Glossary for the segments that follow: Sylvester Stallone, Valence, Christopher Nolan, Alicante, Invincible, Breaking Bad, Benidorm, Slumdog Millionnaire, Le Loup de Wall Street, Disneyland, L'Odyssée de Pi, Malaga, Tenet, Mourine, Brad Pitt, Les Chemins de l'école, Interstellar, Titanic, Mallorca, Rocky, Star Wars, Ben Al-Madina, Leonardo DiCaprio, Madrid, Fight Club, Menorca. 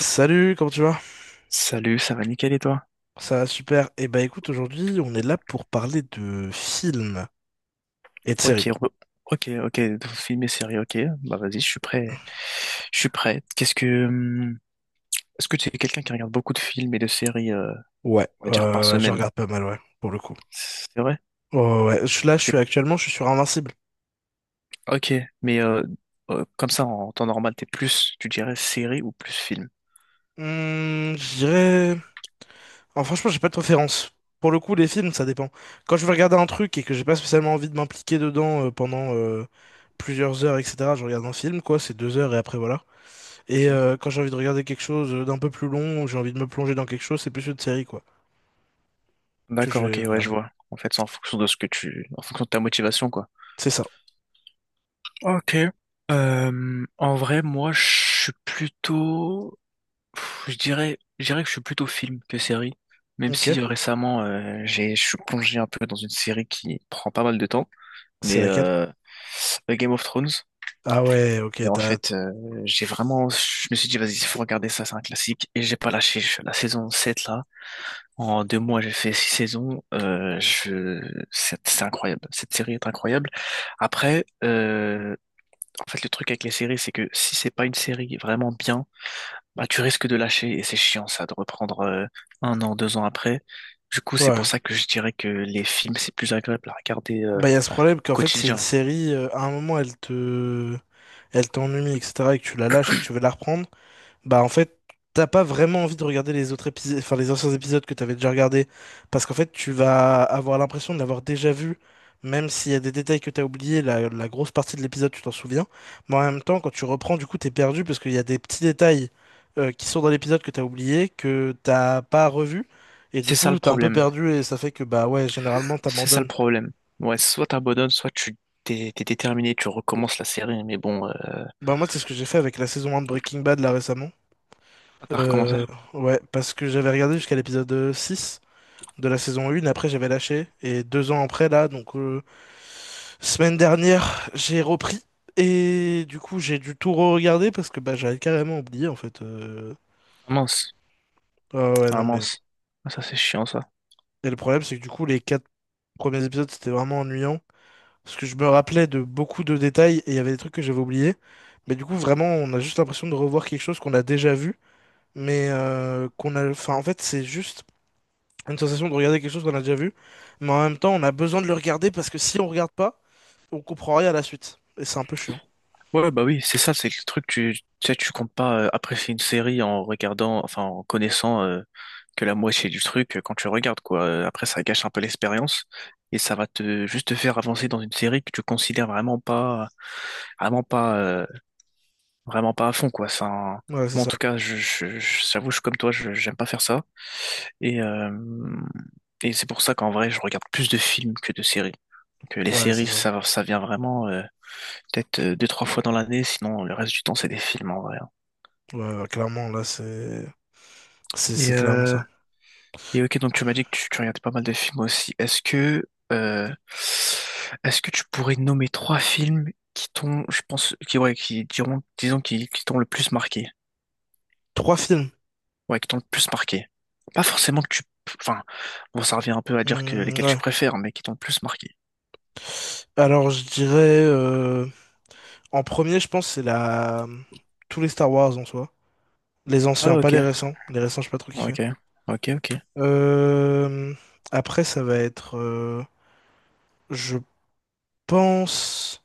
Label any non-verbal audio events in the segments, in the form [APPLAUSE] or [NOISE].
Salut, comment tu vas? Salut, ça va nickel et toi? Ça va super. Et bah écoute, aujourd'hui, on est là pour parler de films et de Ok, séries. Ok, ok, film et série, ok. Bah vas-y, je suis prêt. Je suis prêt. Est-ce que tu es quelqu'un qui regarde beaucoup de films et de séries, Ouais, on va dire par je semaine? regarde pas mal, ouais, pour le coup. C'est vrai? Ouais, ouais, ouais, là, je suis T'es- actuellement, je suis sur Invincible. Ok, mais comme ça en temps normal, t'es plus, tu dirais série ou plus film? Je dirais... Ah, franchement, j'ai pas de préférence. Pour le coup, les films, ça dépend. Quand je vais regarder un truc et que j'ai pas spécialement envie de m'impliquer dedans pendant plusieurs heures, etc., je regarde un film, quoi, c'est deux heures et après, voilà. Et Ok. Quand j'ai envie de regarder quelque chose d'un peu plus long, ou j'ai envie de me plonger dans quelque chose, c'est plus une série, quoi, que D'accord, je vais ok, ouais, je regarder. vois. En fait, c'est en fonction de en fonction de ta motivation, quoi. C'est ça. Ok. En vrai, moi, je suis plutôt Pff, je dirais que je suis plutôt film que série, même Ok. si récemment je suis plongé un peu dans une série qui prend pas mal de temps, C'est mais laquelle? Game of Thrones. Ah ouais, Et ok, en t'as... fait, je me suis dit, vas-y, il faut regarder ça, c'est un classique. Et j'ai pas lâché. La saison 7 là, en 2 mois, j'ai fait 6 saisons. C'est incroyable. Cette série est incroyable. Après, en fait, le truc avec les séries, c'est que si c'est pas une série vraiment bien, bah, tu risques de lâcher et c'est chiant ça, de reprendre un an, 2 ans après. Du coup, c'est pour Ouais. ça que je dirais que les films, c'est plus agréable à regarder Bah, il y a au ce problème qu'en fait, c'est une quotidien. série, à un moment, elle te... Elle t'ennuie, etc., et que tu la lâches et que tu veux la reprendre. Bah en fait, t'as pas vraiment envie de regarder les autres épisodes, enfin les anciens épisodes que t'avais déjà regardés, parce qu'en fait tu vas avoir l'impression de l'avoir déjà vu, même s'il y a des détails que t'as oubliés, la grosse partie de l'épisode tu t'en souviens, mais en même temps quand tu reprends, du coup t'es perdu parce qu'il y a des petits détails qui sont dans l'épisode, que t'as oublié, que t'as pas revu, et du C'est ça coup le t'es un peu problème. perdu et ça fait que bah ouais, généralement C'est ça le t'abandonnes. problème. Ouais, soit t'abandonnes, soit tu t'es déterminé, tu recommences la série, mais bon. Bah moi, c'est ce que j'ai fait avec la saison un de Breaking Bad là récemment. Ah, t'as recommencé? Euh, ouais, parce que j'avais regardé jusqu'à l'épisode 6. De la saison 1. Après, j'avais lâché. Et deux ans après, là, donc semaine dernière, j'ai repris. Et du coup, j'ai dû tout re-regarder parce que bah, j'avais carrément oublié, en fait. Ah mince, Ah ouais, ah non, mais. mince. Ah, ça c'est chiant ça. Et le problème, c'est que du coup, les quatre premiers épisodes, c'était vraiment ennuyant. Parce que je me rappelais de beaucoup de détails et il y avait des trucs que j'avais oubliés. Mais du coup, vraiment, on a juste l'impression de revoir quelque chose qu'on a déjà vu. Mais qu'on a. Enfin, en fait, c'est juste une sensation de regarder quelque chose qu'on a déjà vu. Mais en même temps, on a besoin de le regarder parce que si on regarde pas, on comprend rien à la suite. Et c'est un peu chiant. Ouais, bah oui, c'est ça, c'est le truc, tu sais, tu comptes pas apprécier une série en regardant, enfin, en connaissant que la moitié du truc quand tu regardes, quoi. Après, ça gâche un peu l'expérience et ça va te juste te faire avancer dans une série que tu considères vraiment pas, vraiment pas, vraiment pas à fond, quoi. Ouais, c'est Moi, en ça. tout cas, j'avoue, je suis comme toi, j'aime pas faire ça. Et, euh, et c'est pour ça qu'en vrai, je regarde plus de films que de séries. Donc, les Ouais, c'est séries, ça. ça vient vraiment, peut-être deux, trois fois dans l'année, sinon le reste du temps, c'est des films en vrai, hein. Ouais, ouais, clairement, là, c'est... C'est Et, c'est clairement euh, ça. et ok, donc tu m'as dit que tu regardais pas mal de films aussi. Euh, Est-ce que tu pourrais nommer 3 films qui t'ont, je pense, qui, ouais, qui diront, disons, qui t'ont le plus marqué? Trois films. Ouais, qui t'ont le plus marqué. Pas forcément que tu, enfin, bon, ça revient un peu à dire que Hmm, lesquels tu ouais. préfères, mais qui t'ont le plus marqué. Alors, je dirais... en premier, je pense, c'est la... Tous les Star Wars, en soi. Les Ah, anciens, pas les ok, récents. Les récents, je sais pas trop kiffé. ok, ok, ok. Euh... Après, ça va être... je pense...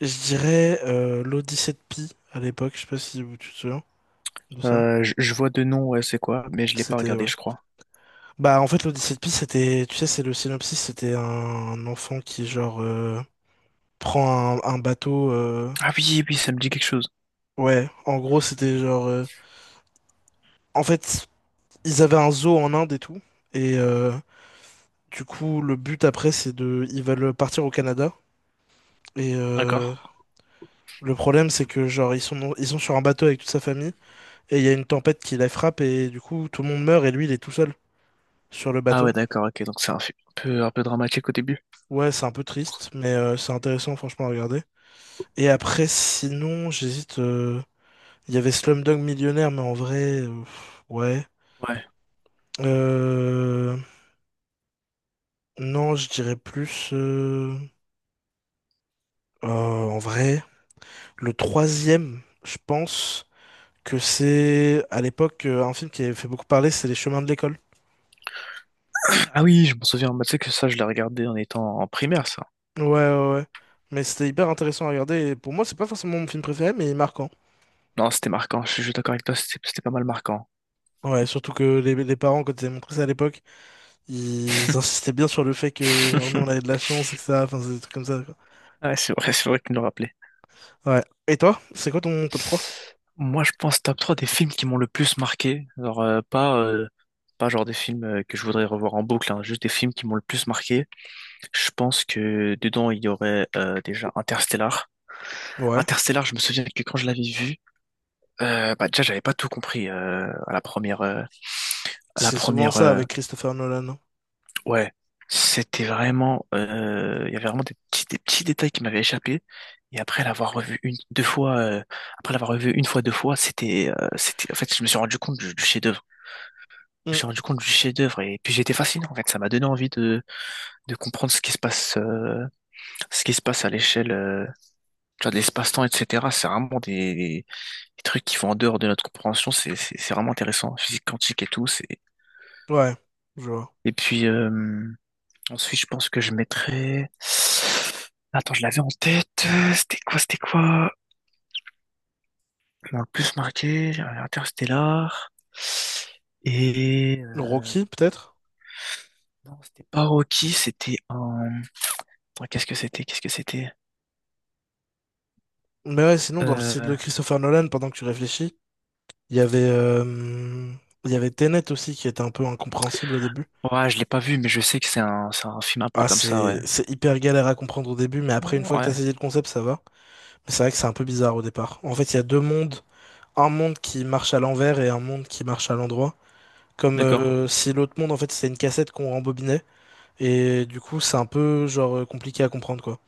Je dirais l'Odyssée de Pi, à l'époque. Je sais pas si tu te souviens de ça. Je vois de nom, ouais, c'est quoi, mais je l'ai pas C'était... regardé, ouais. je crois. Bah en fait, l'Odyssée de Pi, c'était, tu sais, c'est le synopsis, c'était un enfant qui, genre, prend un bateau Ah oui, oui, ça me dit quelque chose. ouais, en gros c'était, genre, en fait, ils avaient un zoo en Inde et tout, et du coup le but après, c'est de, ils veulent partir au Canada, et D'accord. Le problème, c'est que, genre, ils sont sur un bateau avec toute sa famille, et il y a une tempête qui la frappe, et du coup tout le monde meurt et lui il est tout seul sur le Ah bateau. ouais, d'accord, ok, donc c'est un film un peu dramatique au début. Ouais, c'est un peu triste, mais c'est intéressant, franchement, à regarder. Et après, sinon, j'hésite, il y avait Slumdog Millionnaire, mais en vrai, ouais. Ouais. Euh, non, je dirais plus. En vrai, le troisième, je pense que c'est à l'époque, un film qui avait fait beaucoup parler, c'est Les Chemins de l'école. Ah oui, je m'en souviens, bah, tu sais que ça, je l'ai regardé en étant en primaire, ça. Ouais, ouais, ouais. Mais c'était hyper intéressant à regarder. Et pour moi, c'est pas forcément mon film préféré, mais il est marquant. Non, c'était marquant, je suis d'accord avec toi, c'était pas mal marquant. Ouais, surtout que les parents, quand ils avaient montré ça à l'époque, ils insistaient bien sur le fait que, genre, nous, on avait de [LAUGHS] la chance, et etc. Enfin, c'est des trucs comme ça, quoi. Ouais, c'est vrai que tu me le rappelais. Ouais. Et toi, c'est quoi ton top trois? Moi, je pense top 3 des films qui m'ont le plus marqué. Alors, pas genre des films que je voudrais revoir en boucle, hein, juste des films qui m'ont le plus marqué. Je pense que dedans, il y aurait déjà Interstellar. Ouais. Interstellar, je me souviens que quand je l'avais vu, bah déjà, j'avais pas tout compris à la première, euh, à la C'est souvent première, ça euh, avec Christopher Nolan, hein. Ouais, c'était vraiment, il y avait vraiment des petits détails qui m'avaient échappé. Et après l'avoir revu une, deux fois, après l'avoir revu une fois, deux fois, c'était, en fait, je me suis rendu compte du chef-d'œuvre. Je me Hmm, suis rendu compte du chef-d'œuvre et puis j'étais fasciné. En fait, ça m'a donné envie de comprendre ce qui se passe, ce qui se passe à l'échelle, tu vois, de l'espace-temps, etc. C'est vraiment des trucs qui vont en dehors de notre compréhension. C'est vraiment intéressant. Physique quantique et tout. Ouais, je vois. Et puis, ensuite, je pense que je mettrais... Attends, je l'avais en tête. C'était quoi, c'était quoi? Bon, le plus marqué, j'avais Interstellar. Et... euh, Rocky, peut-être? Non, c'était pas Rocky, c'était un... Attends, qu'est-ce que c'était? Qu'est-ce que c'était? Mais ouais, sinon, dans le style Euh... de Christopher Nolan, pendant que tu réfléchis, il y avait, euh, il y avait Tenet aussi qui était un peu incompréhensible au début. Ouais, je l'ai pas vu, mais je sais que c'est un film un peu Ah, comme ça, ouais. c'est hyper galère à comprendre au début, mais après, une fois que t'as Ouais, saisi le concept, ça va. Mais c'est vrai que c'est un peu bizarre au départ. En fait, il y a deux mondes. Un monde qui marche à l'envers et un monde qui marche à l'endroit. Comme d'accord. Si l'autre monde, en fait, c'était une cassette qu'on rembobinait. Et du coup, c'est un peu, genre, compliqué à comprendre, quoi.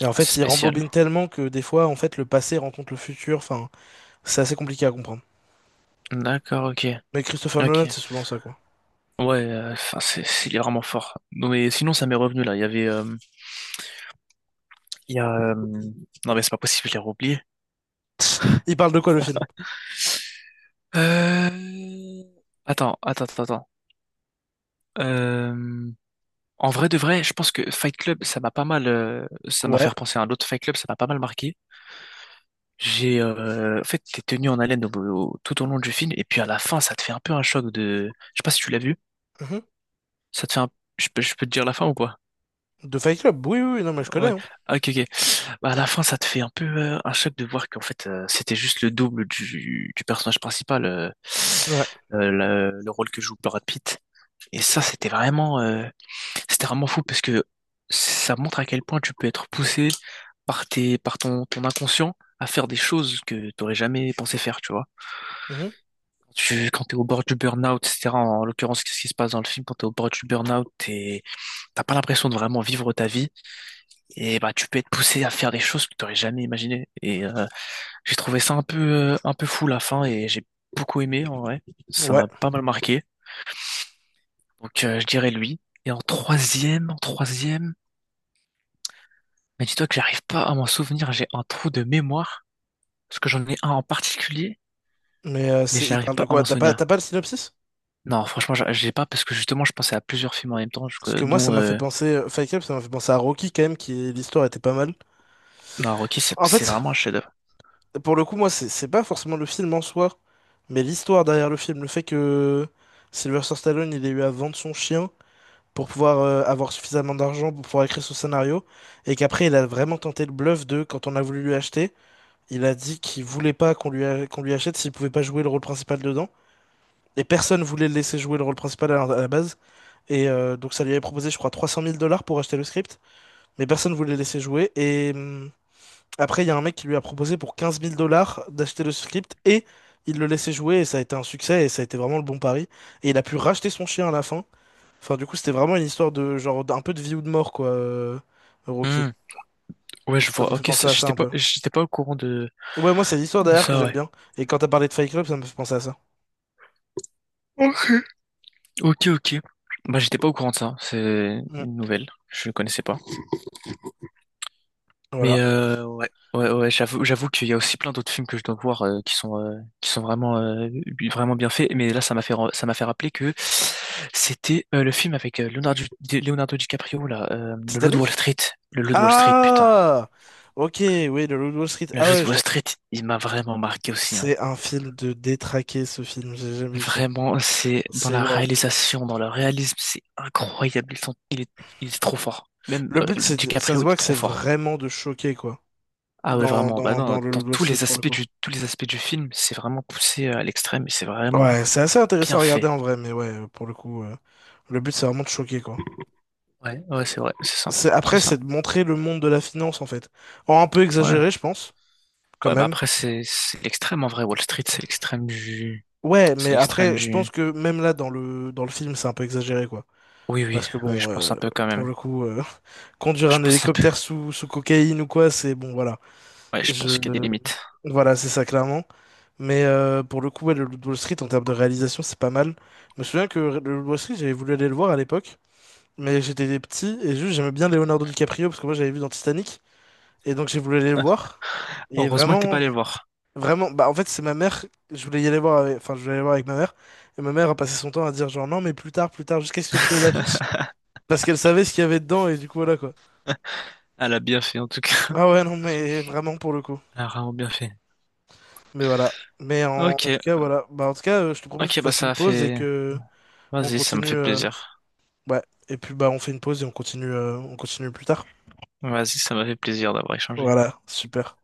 Et en Ah, c'est fait, il spécial. rembobine tellement que des fois, en fait, le passé rencontre le futur. Enfin, c'est assez compliqué à comprendre. D'accord, ok. Mais Christopher Nolan, Ok. c'est souvent ça, quoi. Ouais, enfin, il est vraiment fort. Non, mais sinon, ça m'est revenu là. Il y avait. Il y a. Non, mais c'est pas possible, je l'ai oublié. [LAUGHS] Il parle de quoi, le film? [LAUGHS] Euh... Attends, attends, attends, attends. Euh, En vrai de vrai, je pense que Fight Club, ça m'a pas mal, ça m'a fait Ouais. repenser à un autre Fight Club, ça m'a pas mal marqué. En fait, t'es tenu en haleine tout au long du film, et puis à la fin, ça te fait un peu un choc de, je sais pas si tu l'as vu, Mhm. ça te fait un, je peux te dire la fin ou pas? De Fight Club? Oui, oui, oui, non, mais je connais, Ouais, hein. ah, ok, ok. Bah, à la fin, ça te fait un peu un choc de voir qu'en fait, c'était juste le double du personnage principal, Ouais. Le rôle que joue Brad Pitt. Et ça, c'était vraiment fou parce que ça montre à quel point tu peux être poussé par tes, par ton inconscient à faire des choses que t'aurais jamais pensé faire, tu vois. Mhm. Quand t'es au bord du burn-out, etc. En l'occurrence, qu'est-ce qui se passe dans le film? Quand t'es au bord du burn-out, t'as pas l'impression de vraiment vivre ta vie. Et bah, tu peux être poussé à faire des choses que tu n'aurais jamais imaginées. Et j'ai trouvé ça un peu fou la fin et j'ai beaucoup aimé en vrai. Ça Ouais. m'a pas mal marqué. Donc je dirais lui. Et en troisième, mais dis-toi que j'arrive pas à m'en souvenir. J'ai un trou de mémoire parce que j'en ai un en particulier, Mais mais il j'arrive parle de pas à quoi? m'en T'as pas, t'as souvenir. pas le synopsis? Non, franchement, j'ai pas parce que justement, je pensais à plusieurs films en même temps, Parce que moi, ça dont m'a fait penser, Fight Club, ça m'a fait penser à Rocky, quand même, qui l'histoire était pas mal. non, Rocky, c'est En c'est fait, vraiment un chef. pour le coup, moi, c'est pas forcément le film en soi, mais l'histoire derrière le film. Le fait que Sylvester Stallone, il ait eu à vendre son chien pour pouvoir avoir suffisamment d'argent pour pouvoir écrire son scénario, et qu'après il a vraiment tenté le bluff de, quand on a voulu lui acheter, il a dit qu'il voulait pas qu'on lui achète s'il pouvait pas jouer le rôle principal dedans, et personne voulait le laisser jouer le rôle principal à la base, et donc ça lui avait proposé, je crois, 300000 dollars pour acheter le script, mais personne voulait le laisser jouer, et après il y a un mec qui lui a proposé pour 15000 dollars d'acheter le script, et il le laissait jouer, et ça a été un succès, et ça a été vraiment le bon pari, et il a pu racheter son chien à la fin. Enfin, du coup, c'était vraiment une histoire de genre d'un peu de vie ou de mort, quoi, Rocky. Hmm, Ouais, Donc, je ça vois. m'a fait Ok, penser ça, à ça un peu. j'étais pas au courant de, Ouais, moi, c'est l'histoire derrière que ça, j'aime ouais. bien. Et quand t'as parlé de Fight Club, ça me fait penser à ça. Ok, ok. Bah, j'étais pas au courant de ça. C'est Mm. une nouvelle. Je ne connaissais pas. Mais Voilà. Ouais, ouais, ouais, j'avoue qu'il y a aussi plein d'autres films que je dois voir qui sont vraiment vraiment bien faits. Mais là, ça m'a fait rappeler que c'était le film avec Leonardo DiCaprio là, le Loup de Wall Titanic? Street, le Loup de Wall Street, putain, Ah! Ok, oui, le Loup de Wall Street. le Ah Loup ouais, de Wall je... Street, il m'a vraiment marqué aussi. Hein. c'est un film de détraqué, ce film. J'ai jamais vu ça. Vraiment, c'est dans C'est la waouh. réalisation, dans le réalisme, c'est incroyable. Ils sont- il est trop fort. Même Le but, c'est, ça se DiCaprio voit était que c'est trop fort. vraiment de choquer, quoi. Ah ouais, dans, vraiment. Bah dans, non, dans le dans Loup de Wall tous Street, les pour le aspects coup. Tous les aspects du film, c'est vraiment poussé à l'extrême et c'est vraiment Ouais, c'est assez intéressant bien à regarder fait. en vrai, mais ouais, pour le coup, le but, c'est vraiment de choquer, quoi. Ouais, ouais, c'est vrai, c'est ça, c'est Après, ça. c'est de montrer le monde de la finance, en fait. En un peu Ouais. exagéré, je pense, quand Ouais, bah même. après, c'est l'extrême en vrai. Wall Street, c'est l'extrême Ouais, c'est mais l'extrême après, je pense du. que même là, dans le film, c'est un peu exagéré, quoi. Oui, oui, Parce que oui, je bon, pense un peu quand pour même. le coup, [LAUGHS] conduire Je un pense un peu. hélicoptère sous cocaïne ou quoi, c'est bon, voilà. Ouais, je Je, pense qu'il y a des limites. voilà, c'est ça clairement. Mais pour le coup, ouais, le Loup de Wall Street, en termes de réalisation, c'est pas mal. Je me souviens que le Loup de Wall Street, j'avais voulu aller le voir à l'époque. Mais j'étais petit et juste j'aimais bien Leonardo DiCaprio parce que moi j'avais vu dans Titanic, et donc j'ai voulu aller le voir. Et Heureusement que t'es pas vraiment, allé le voir. vraiment, bah en fait c'est ma mère, je voulais y aller voir avec, enfin je voulais aller voir avec ma mère, et ma mère a passé son temps à dire, genre, non, mais plus tard, jusqu'à ce que plus l'affiche, parce qu'elle savait ce qu'il y avait dedans, et du coup, voilà, quoi. Elle a bien fait en tout cas. Ah ouais, non mais vraiment, pour le coup. Elle a vraiment bien fait. Mais voilà. Mais en Ok, tout cas voilà, bah en tout cas, je te propose ok, qu'on bah fasse ça une a pause et fait. que on Vas-y, ça me continue, fait plaisir. ouais. Et puis bah on fait une pause et on continue, on continue plus tard. Vas-y, ça m'a fait plaisir d'avoir échangé. Voilà, super.